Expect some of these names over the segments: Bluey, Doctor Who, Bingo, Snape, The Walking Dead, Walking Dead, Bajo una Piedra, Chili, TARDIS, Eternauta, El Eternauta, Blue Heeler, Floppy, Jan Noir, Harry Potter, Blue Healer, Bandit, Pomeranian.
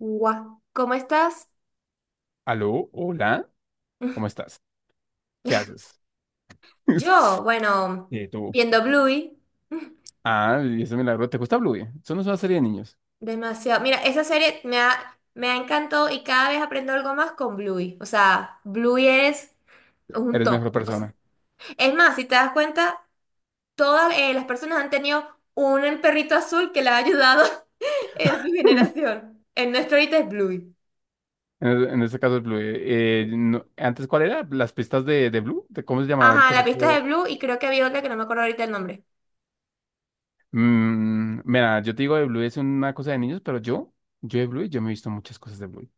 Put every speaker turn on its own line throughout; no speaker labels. Guau, ¿cómo estás?
Aló, hola, ¿cómo estás? ¿Qué haces?
Yo, bueno,
Tú.
viendo Bluey,
Ah, y ese milagro. ¿Te gusta Bluey? Eso no es una serie de niños.
demasiado. Mira, esa serie me ha encantado y cada vez aprendo algo más con Bluey. O sea, Bluey es un
Eres
top.
mejor persona.
Es más, si te das cuenta, todas las personas han tenido un perrito azul que le ha ayudado en su generación. El nuestro ahorita es Bluey.
En este caso es Bluey. Antes, ¿cuál era? ¿Las pistas de Blue? ¿De cómo se llamaba el
Ajá, la
perrito?
pista de Blue y creo que había otra que no me acuerdo ahorita el nombre.
Mira, yo te digo, de Bluey es una cosa de niños, pero yo, de Bluey, yo me he visto muchas cosas de Bluey.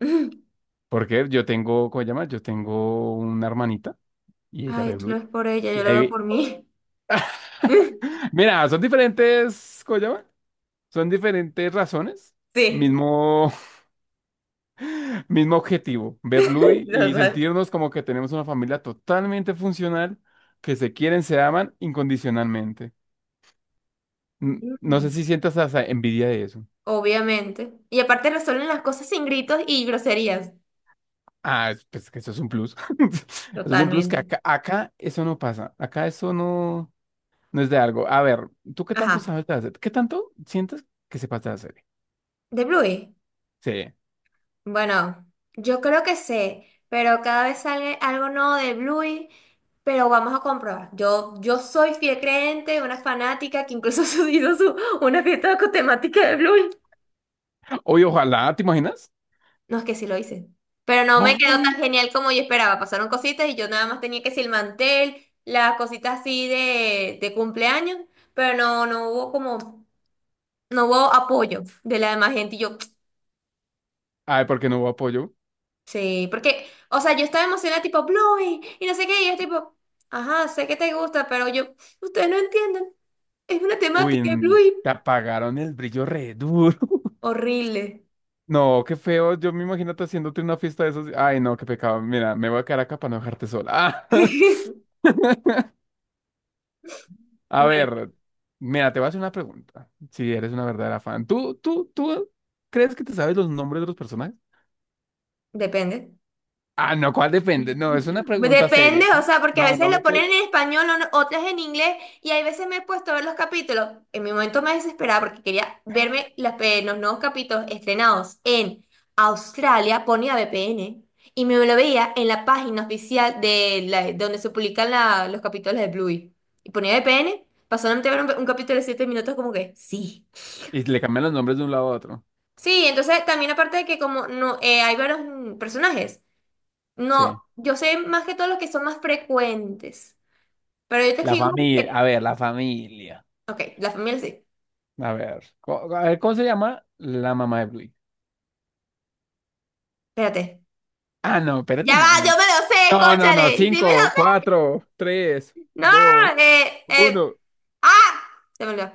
Porque yo tengo, ¿cómo se llama? Yo tengo una hermanita y ella
Ay,
ve
tú lo
Bluey.
ves por ella, yo
Y
lo
ahí,
veo por mí.
mira, son diferentes, ¿cómo se llama? Son diferentes razones,
Sí,
mismo, mismo objetivo: ver Bluey y
total.
sentirnos como que tenemos una familia totalmente funcional, que se quieren, se aman incondicionalmente. No
Mm.
sé si sientas hasta envidia de eso.
Obviamente. Y aparte resuelven las cosas sin gritos y groserías.
Pues que eso es un plus. Eso es un plus que
Totalmente.
acá, acá eso no pasa. Acá eso no, no es de algo. A ver, ¿tú qué tanto
Ajá.
sabes de hacer? ¿Qué tanto sientes que sepas de hacer?
De Bluey.
Sí.
Bueno, yo creo que sé, pero cada vez sale algo nuevo de Bluey, pero vamos a comprobar. Yo soy fiel creyente, una fanática que incluso hizo su, una fiesta con temática de Bluey.
Oye, ojalá, ¿te imaginas?
No, es que sí lo hice. Pero no me quedó tan
Ay.
genial como yo esperaba. Pasaron cositas y yo nada más tenía que decir el mantel, las cositas así de cumpleaños, pero no hubo como... no hubo apoyo de la demás gente. Y yo,
Ay, ¿porque no hubo apoyo?
sí, porque, o sea, yo estaba emocionada, tipo, Bluey, y no sé qué, y es tipo, ajá, sé que te gusta, pero yo, ustedes no entienden, es una
Uy,
temática de Bluey
te apagaron el brillo re duro.
horrible.
No, qué feo. Yo me imagino te haciéndote una fiesta de esos. Ay, no, qué pecado. Mira, me voy a quedar acá para no dejarte sola. Ah, a
Vale,
ver, mira, te voy a hacer una pregunta. ¿Si eres una verdadera fan? ¿Tú crees que te sabes los nombres de los personajes?
depende.
Ah, no, ¿cuál depende? No, es una pregunta
Depende,
seria.
o sea, porque a
No,
veces
no
lo
me
ponen
puedes.
en español, o- otras en inglés, y hay veces me he puesto a ver los capítulos. En mi momento me desesperaba porque quería verme las pe- los nuevos capítulos estrenados en Australia, ponía VPN, y me lo veía en la página oficial de la- donde se publican la- los capítulos de Bluey. Y ponía VPN, pasó solamente a ver un capítulo de 7 minutos como que, sí.
Y le cambian los nombres de un lado a otro.
Sí, entonces también aparte de que como no hay varios personajes, no,
Sí.
yo sé más que todos los que son más frecuentes. Pero yo te
La
escribo
familia. A
porque...
ver, la familia.
Ok, la familia sí.
A ver. A ver, ¿cómo se llama la mamá de Bluey?
Espérate.
Ah, no,
Ya
espérate,
va,
no,
yo
no.
me lo sé,
No, no, no.
cónchale. Sí me lo
Cinco,
sé.
cuatro, tres,
No,
dos,
eh,
uno.
eh. ¡Ah! Se me olvidó.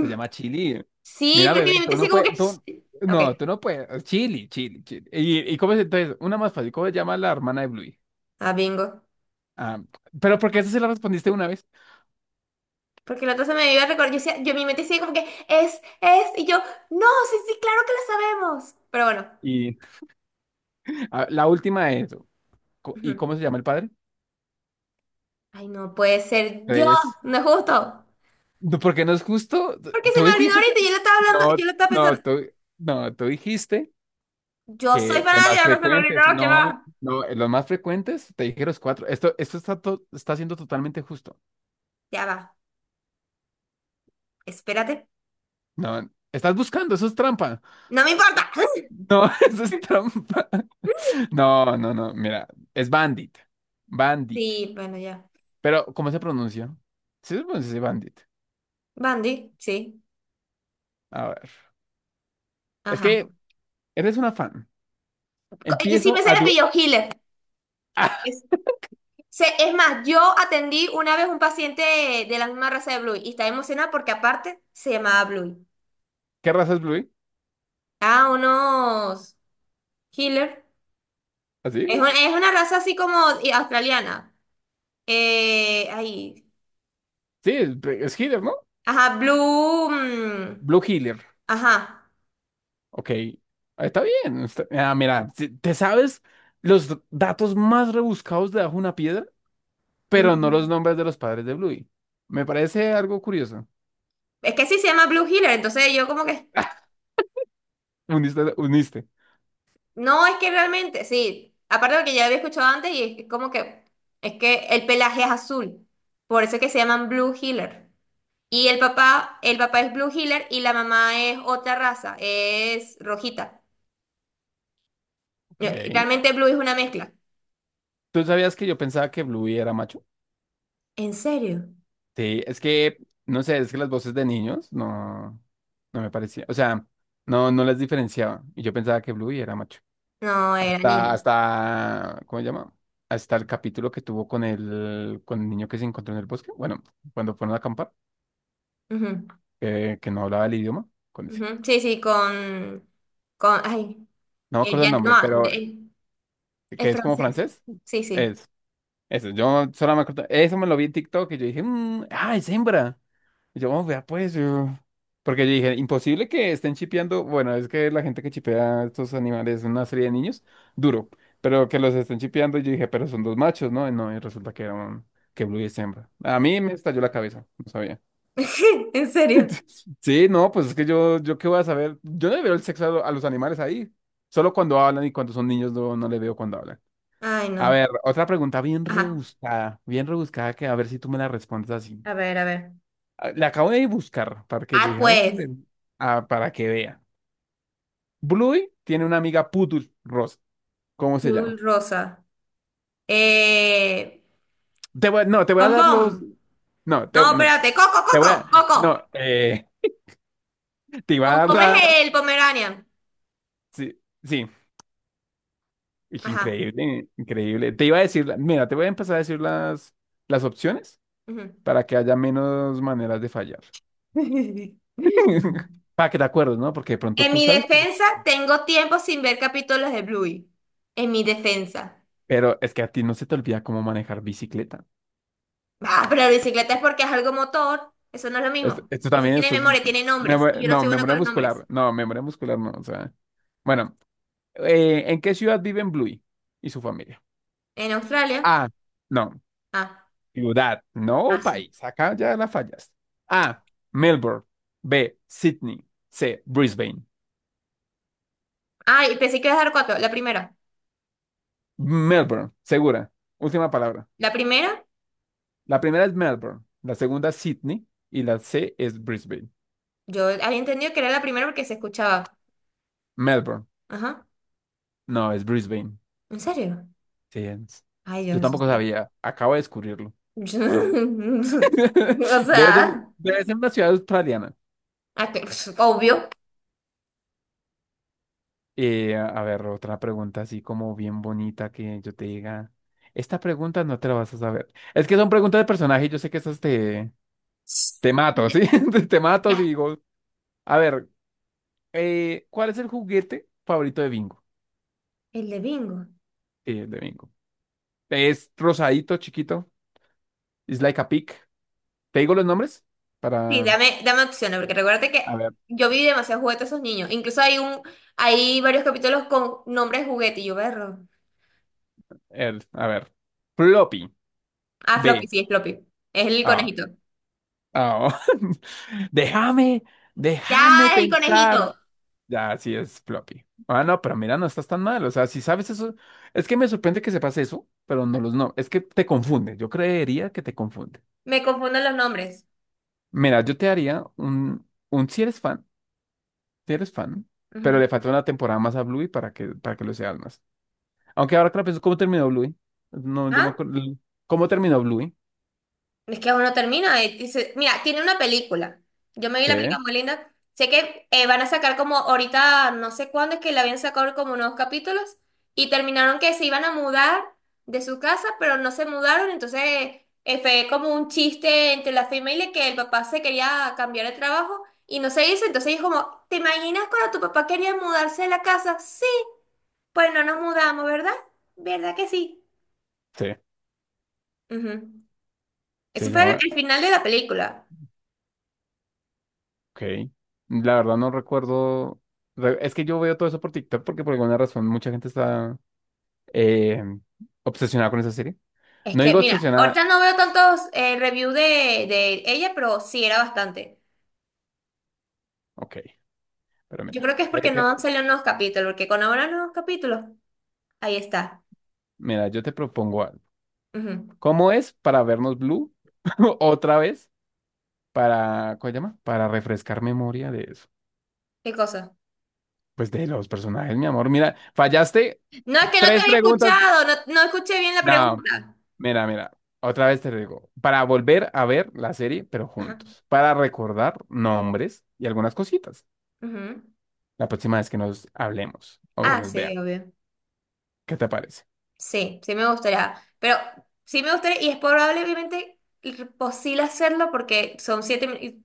Se llama Chili.
Sí,
Mira,
pero es que mi
bebé, tú
mente
no
sigue como
puedes,
que... Ok,
tú no puedes. Chili, Chili, Chili. Y cómo es entonces? Una más fácil, ¿cómo se llama la hermana de Bluey?
ah, bingo.
Ah, pero porque esa se la respondiste una vez.
Porque la otra se me iba a recordar. Yo, decía- yo mi mente sigue como que es. Y yo, no, sí, sí, claro que lo sabemos. Pero bueno.
Y la última es, ¿y
Ujú.
cómo se llama el padre?
Ay, no puede ser. Dios,
Tres.
no es justo.
No, porque no es justo. Tú
Porque se
tú
me olvidó
dijiste,
ahorita y yo lo estaba hablando,
no,
yo lo estaba
no,
pensando.
tú, no, tú dijiste
Yo soy
que los más
fanática, no se me olvidó,
frecuentes,
¿qué
no,
va?
no, los más frecuentes, te dije los cuatro. Esto está, está siendo totalmente justo.
Ya va. Espérate.
No, estás buscando, eso es trampa.
No me importa.
No, eso es trampa. No, no, no, mira, es Bandit. Bandit.
Sí, bueno, ya.
Pero, ¿cómo se pronuncia? Sí se pronuncia así, Bandit.
Bandy, sí.
A ver. Es
Ajá.
que eres una fan.
Co- Es que sí
Empiezo
me sé
a...
el apellido Hiller. Es, sé- es más, yo atendí una vez un paciente de la misma raza de Bluey y estaba emocionada porque aparte se llamaba Bluey.
¿Qué raza es Blue?
Ah, unos Hiller.
¿Así?
Es, un- es una raza así como y- australiana. Ahí.
Sí, es healer, ¿no?
Ajá, Blue.
Blue Healer.
Ajá.
Ok, está bien. Ah, mira, te sabes los datos más rebuscados de Bajo una Piedra, pero no los
Mm.
nombres de los padres de Bluey. Me parece algo curioso.
Es que sí se llama Blue Healer. Entonces yo como que.
Uniste, uniste.
No, es que realmente, sí. Aparte de que ya había escuchado antes, y es que como que es que el pelaje es azul. Por eso es que se llaman Blue Heeler. Y el papá es Blue Heeler y la mamá es otra raza, es rojita.
Ok.
Y realmente Blue es una mezcla.
¿Tú sabías que yo pensaba que Bluey era macho?
¿En serio?
Sí, es que, no sé, es que las voces de niños no, no me parecía. O sea, no, no las diferenciaba. Y yo pensaba que Bluey era macho.
No, era
Hasta,
niña.
hasta, ¿cómo se llama? Hasta el capítulo que tuvo con el niño que se encontró en el bosque. Bueno, cuando fueron a acampar,
Ujú,
que no hablaba el idioma. Con ese.
ujú. Sí, sí, con, ay,
No me
el
acuerdo el
Jan
nombre, pero
Noir, el-
que
es
es como
francés.
francés.
Sí, sí.
Es, eso, yo solo me acuerdo. Eso me lo vi en TikTok y yo dije, "Mm, ah, es hembra". Y yo, "Oh, vea, pues, yo". Porque yo dije, imposible que estén chipeando. Bueno, es que la gente que chipea a estos animales, una serie de niños, duro. Pero que los estén chipeando, y yo dije, pero son dos machos, ¿no? Y no, y resulta que era un, que Blue es hembra. A mí me estalló la cabeza, no sabía.
¿En serio?
Sí, no, pues es que yo qué voy a saber. Yo no le veo el sexo a, a los animales ahí. Solo cuando hablan, y cuando son niños no, no le veo cuando hablan.
Ay,
A
no.
ver, otra pregunta bien
Ajá.
rebuscada, bien rebuscada, que a ver si tú me la respondes así.
A ver, a ver.
Ah, la acabo de buscar, para que yo
Ah,
dije, a ver,
pues.
ven, ah, para que vea. Bluey tiene una amiga Pudul Rosa. ¿Cómo se llama?
Azul rosa. Eh,
Te voy, no, te voy a dar los.
bombón.
No, te,
No,
no,
espérate. Coco,
te voy a.
coco, coco.
No, te iba a dar
Bombón es
la.
el Pomeranian.
Sí, sí. Y que
Ajá.
increíble, increíble. Te iba a decir, mira, te voy a empezar a decir las opciones,
Ujú.
para que haya menos maneras de fallar. Para que te acuerdes, ¿no? Porque de pronto
En
tú
mi
sabes, pero
defensa, tengo tiempo sin ver capítulos de Bluey. En mi defensa.
es que a ti no se te olvida cómo manejar bicicleta.
Ah, pero la bicicleta es porque es algo motor. Eso no es lo
Esto,
mismo.
esto
Eso
también,
tiene
esto es...
memoria, tiene nombres. Y yo no
No,
soy bueno con
memoria
los nombres.
muscular. No, memoria muscular no. O sea, bueno, ¿en qué ciudad viven Bluey y su familia?
En Australia.
A, no,
Ah,
ciudad,
ah,
no país. Acá ya la fallas. A, Melbourne. B, Sydney. C, Brisbane.
ah, y pensé que iba a dar cuatro. La primera.
Melbourne, segura. Última palabra.
La primera,
La primera es Melbourne, la segunda es Sydney y la C es Brisbane.
yo había entendido que era la primera porque se escuchaba.
Melbourne.
Ajá.
No, es Brisbane.
¿En serio?
Sí, es-
Ay, yo
Yo
eso
tampoco
sí.
sabía. Acabo de descubrirlo.
O
Debe ser,
sea,
debe ser una ciudad australiana.
ah, que- pf, obvio.
A ver, otra pregunta así como bien bonita, que yo te diga. Esta pregunta no te la vas a saber. Es que son preguntas de personaje y yo sé que esas te, te mato, ¿sí? Te te mato y
Ya,
digo, a ver, ¿cuál es el juguete favorito de Bingo?
el de bingo.
Sí, el de Bingo. Es rosadito, chiquito. It's like a pig. ¿Te digo los nombres?
Sí,
Para...
dame, dame opciones, porque recuérdate
A
que
ver,
yo vi demasiados juguetes a esos niños. Incluso hay un, hay varios capítulos con nombres de juguete y yo berro.
a ver. Floppy.
Ah, Floppy,
B.
sí, es Floppy. Es el
Ah.
conejito.
Ah. Déjame,
Ya,
déjame
es el
pensar.
conejito.
Ya, sí es Floppy. Ah, no, pero mira, no estás tan mal. O sea, si sabes eso, es que me sorprende que sepas eso, pero no los no. Es que te confunde. Yo creería que te confunde.
Me confunden los nombres.
Mira, yo te haría un si eres fan, si eres fan, pero
Ujú.
le falta una temporada más a Bluey para que lo seas más. Aunque ahora que lo pienso, ¿cómo terminó Bluey? No, yo me
¿Ah?
acuerdo. ¿Cómo terminó Bluey?
Es que aún no termina. Dice- mira, tiene una película. Yo me vi
Sí,
la película muy linda. Sé que van a sacar como ahorita, no sé cuándo es que la habían sacado como unos capítulos y terminaron que se iban a mudar de su casa, pero no se mudaron. Entonces fue como un chiste entre la familia que el papá se quería cambiar de trabajo y no se hizo. Entonces es como, ¿te imaginas cuando tu papá quería mudarse de la casa? Sí, pues no nos mudamos, ¿verdad? ¿Verdad que sí?
sí,
Ujú.
se
Ese fue el
llama.
el final de la película.
Ok. La verdad no recuerdo. Es que yo veo todo eso por TikTok, porque por alguna razón mucha gente está eh, obsesionada con esa serie.
Es
No
que,
digo
mira, ahorita
obsesionada.
no veo tantos reviews de ella, pero sí era bastante.
Ok, pero
Yo
mira.
creo que es porque no salieron nuevos capítulos, porque cuando habrá nuevos capítulos, ahí está.
Mira, yo te propongo algo.
Ujú.
¿Cómo es para vernos Blue otra vez? Para, ¿cómo se llama? Para refrescar memoria de eso.
¿Qué cosa?
Pues de los personajes, mi amor. Mira, fallaste
No, es que no te
tres
había
preguntas.
escuchado, no, no escuché bien la
No.
pregunta.
Mira, mira, otra vez te lo digo, para volver a ver la serie, pero
Ajá.
juntos, para recordar nombres y algunas cositas,
Ujú.
la próxima vez que nos hablemos o
Ah,
nos vea,
sí, obvio.
¿qué te parece?
Sí, sí me gustaría. Pero sí me gustaría, y es probable, obviamente, posible hacerlo porque son 7 minutos.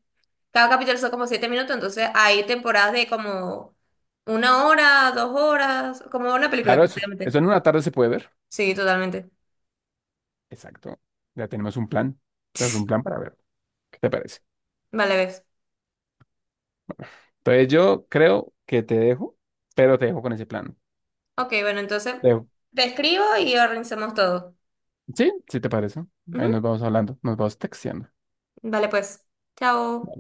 Cada capítulo son como 7 minutos, entonces hay temporadas de como 1 hora, 2 horas, como una película
Claro, eso,
prácticamente.
eso en una tarde se puede ver,
Sí, totalmente.
exacto, ya tenemos un plan para ver, ¿qué te parece?
Vale, ves.
Entonces yo creo que te dejo, pero te dejo con ese plan.
Ok, bueno, entonces
Te dejo.
te escribo y organizamos todo.
¿Sí? ¿Sí te parece? Ahí nos
Ujú.
vamos hablando, nos vamos texteando.
Vale, pues. Chao.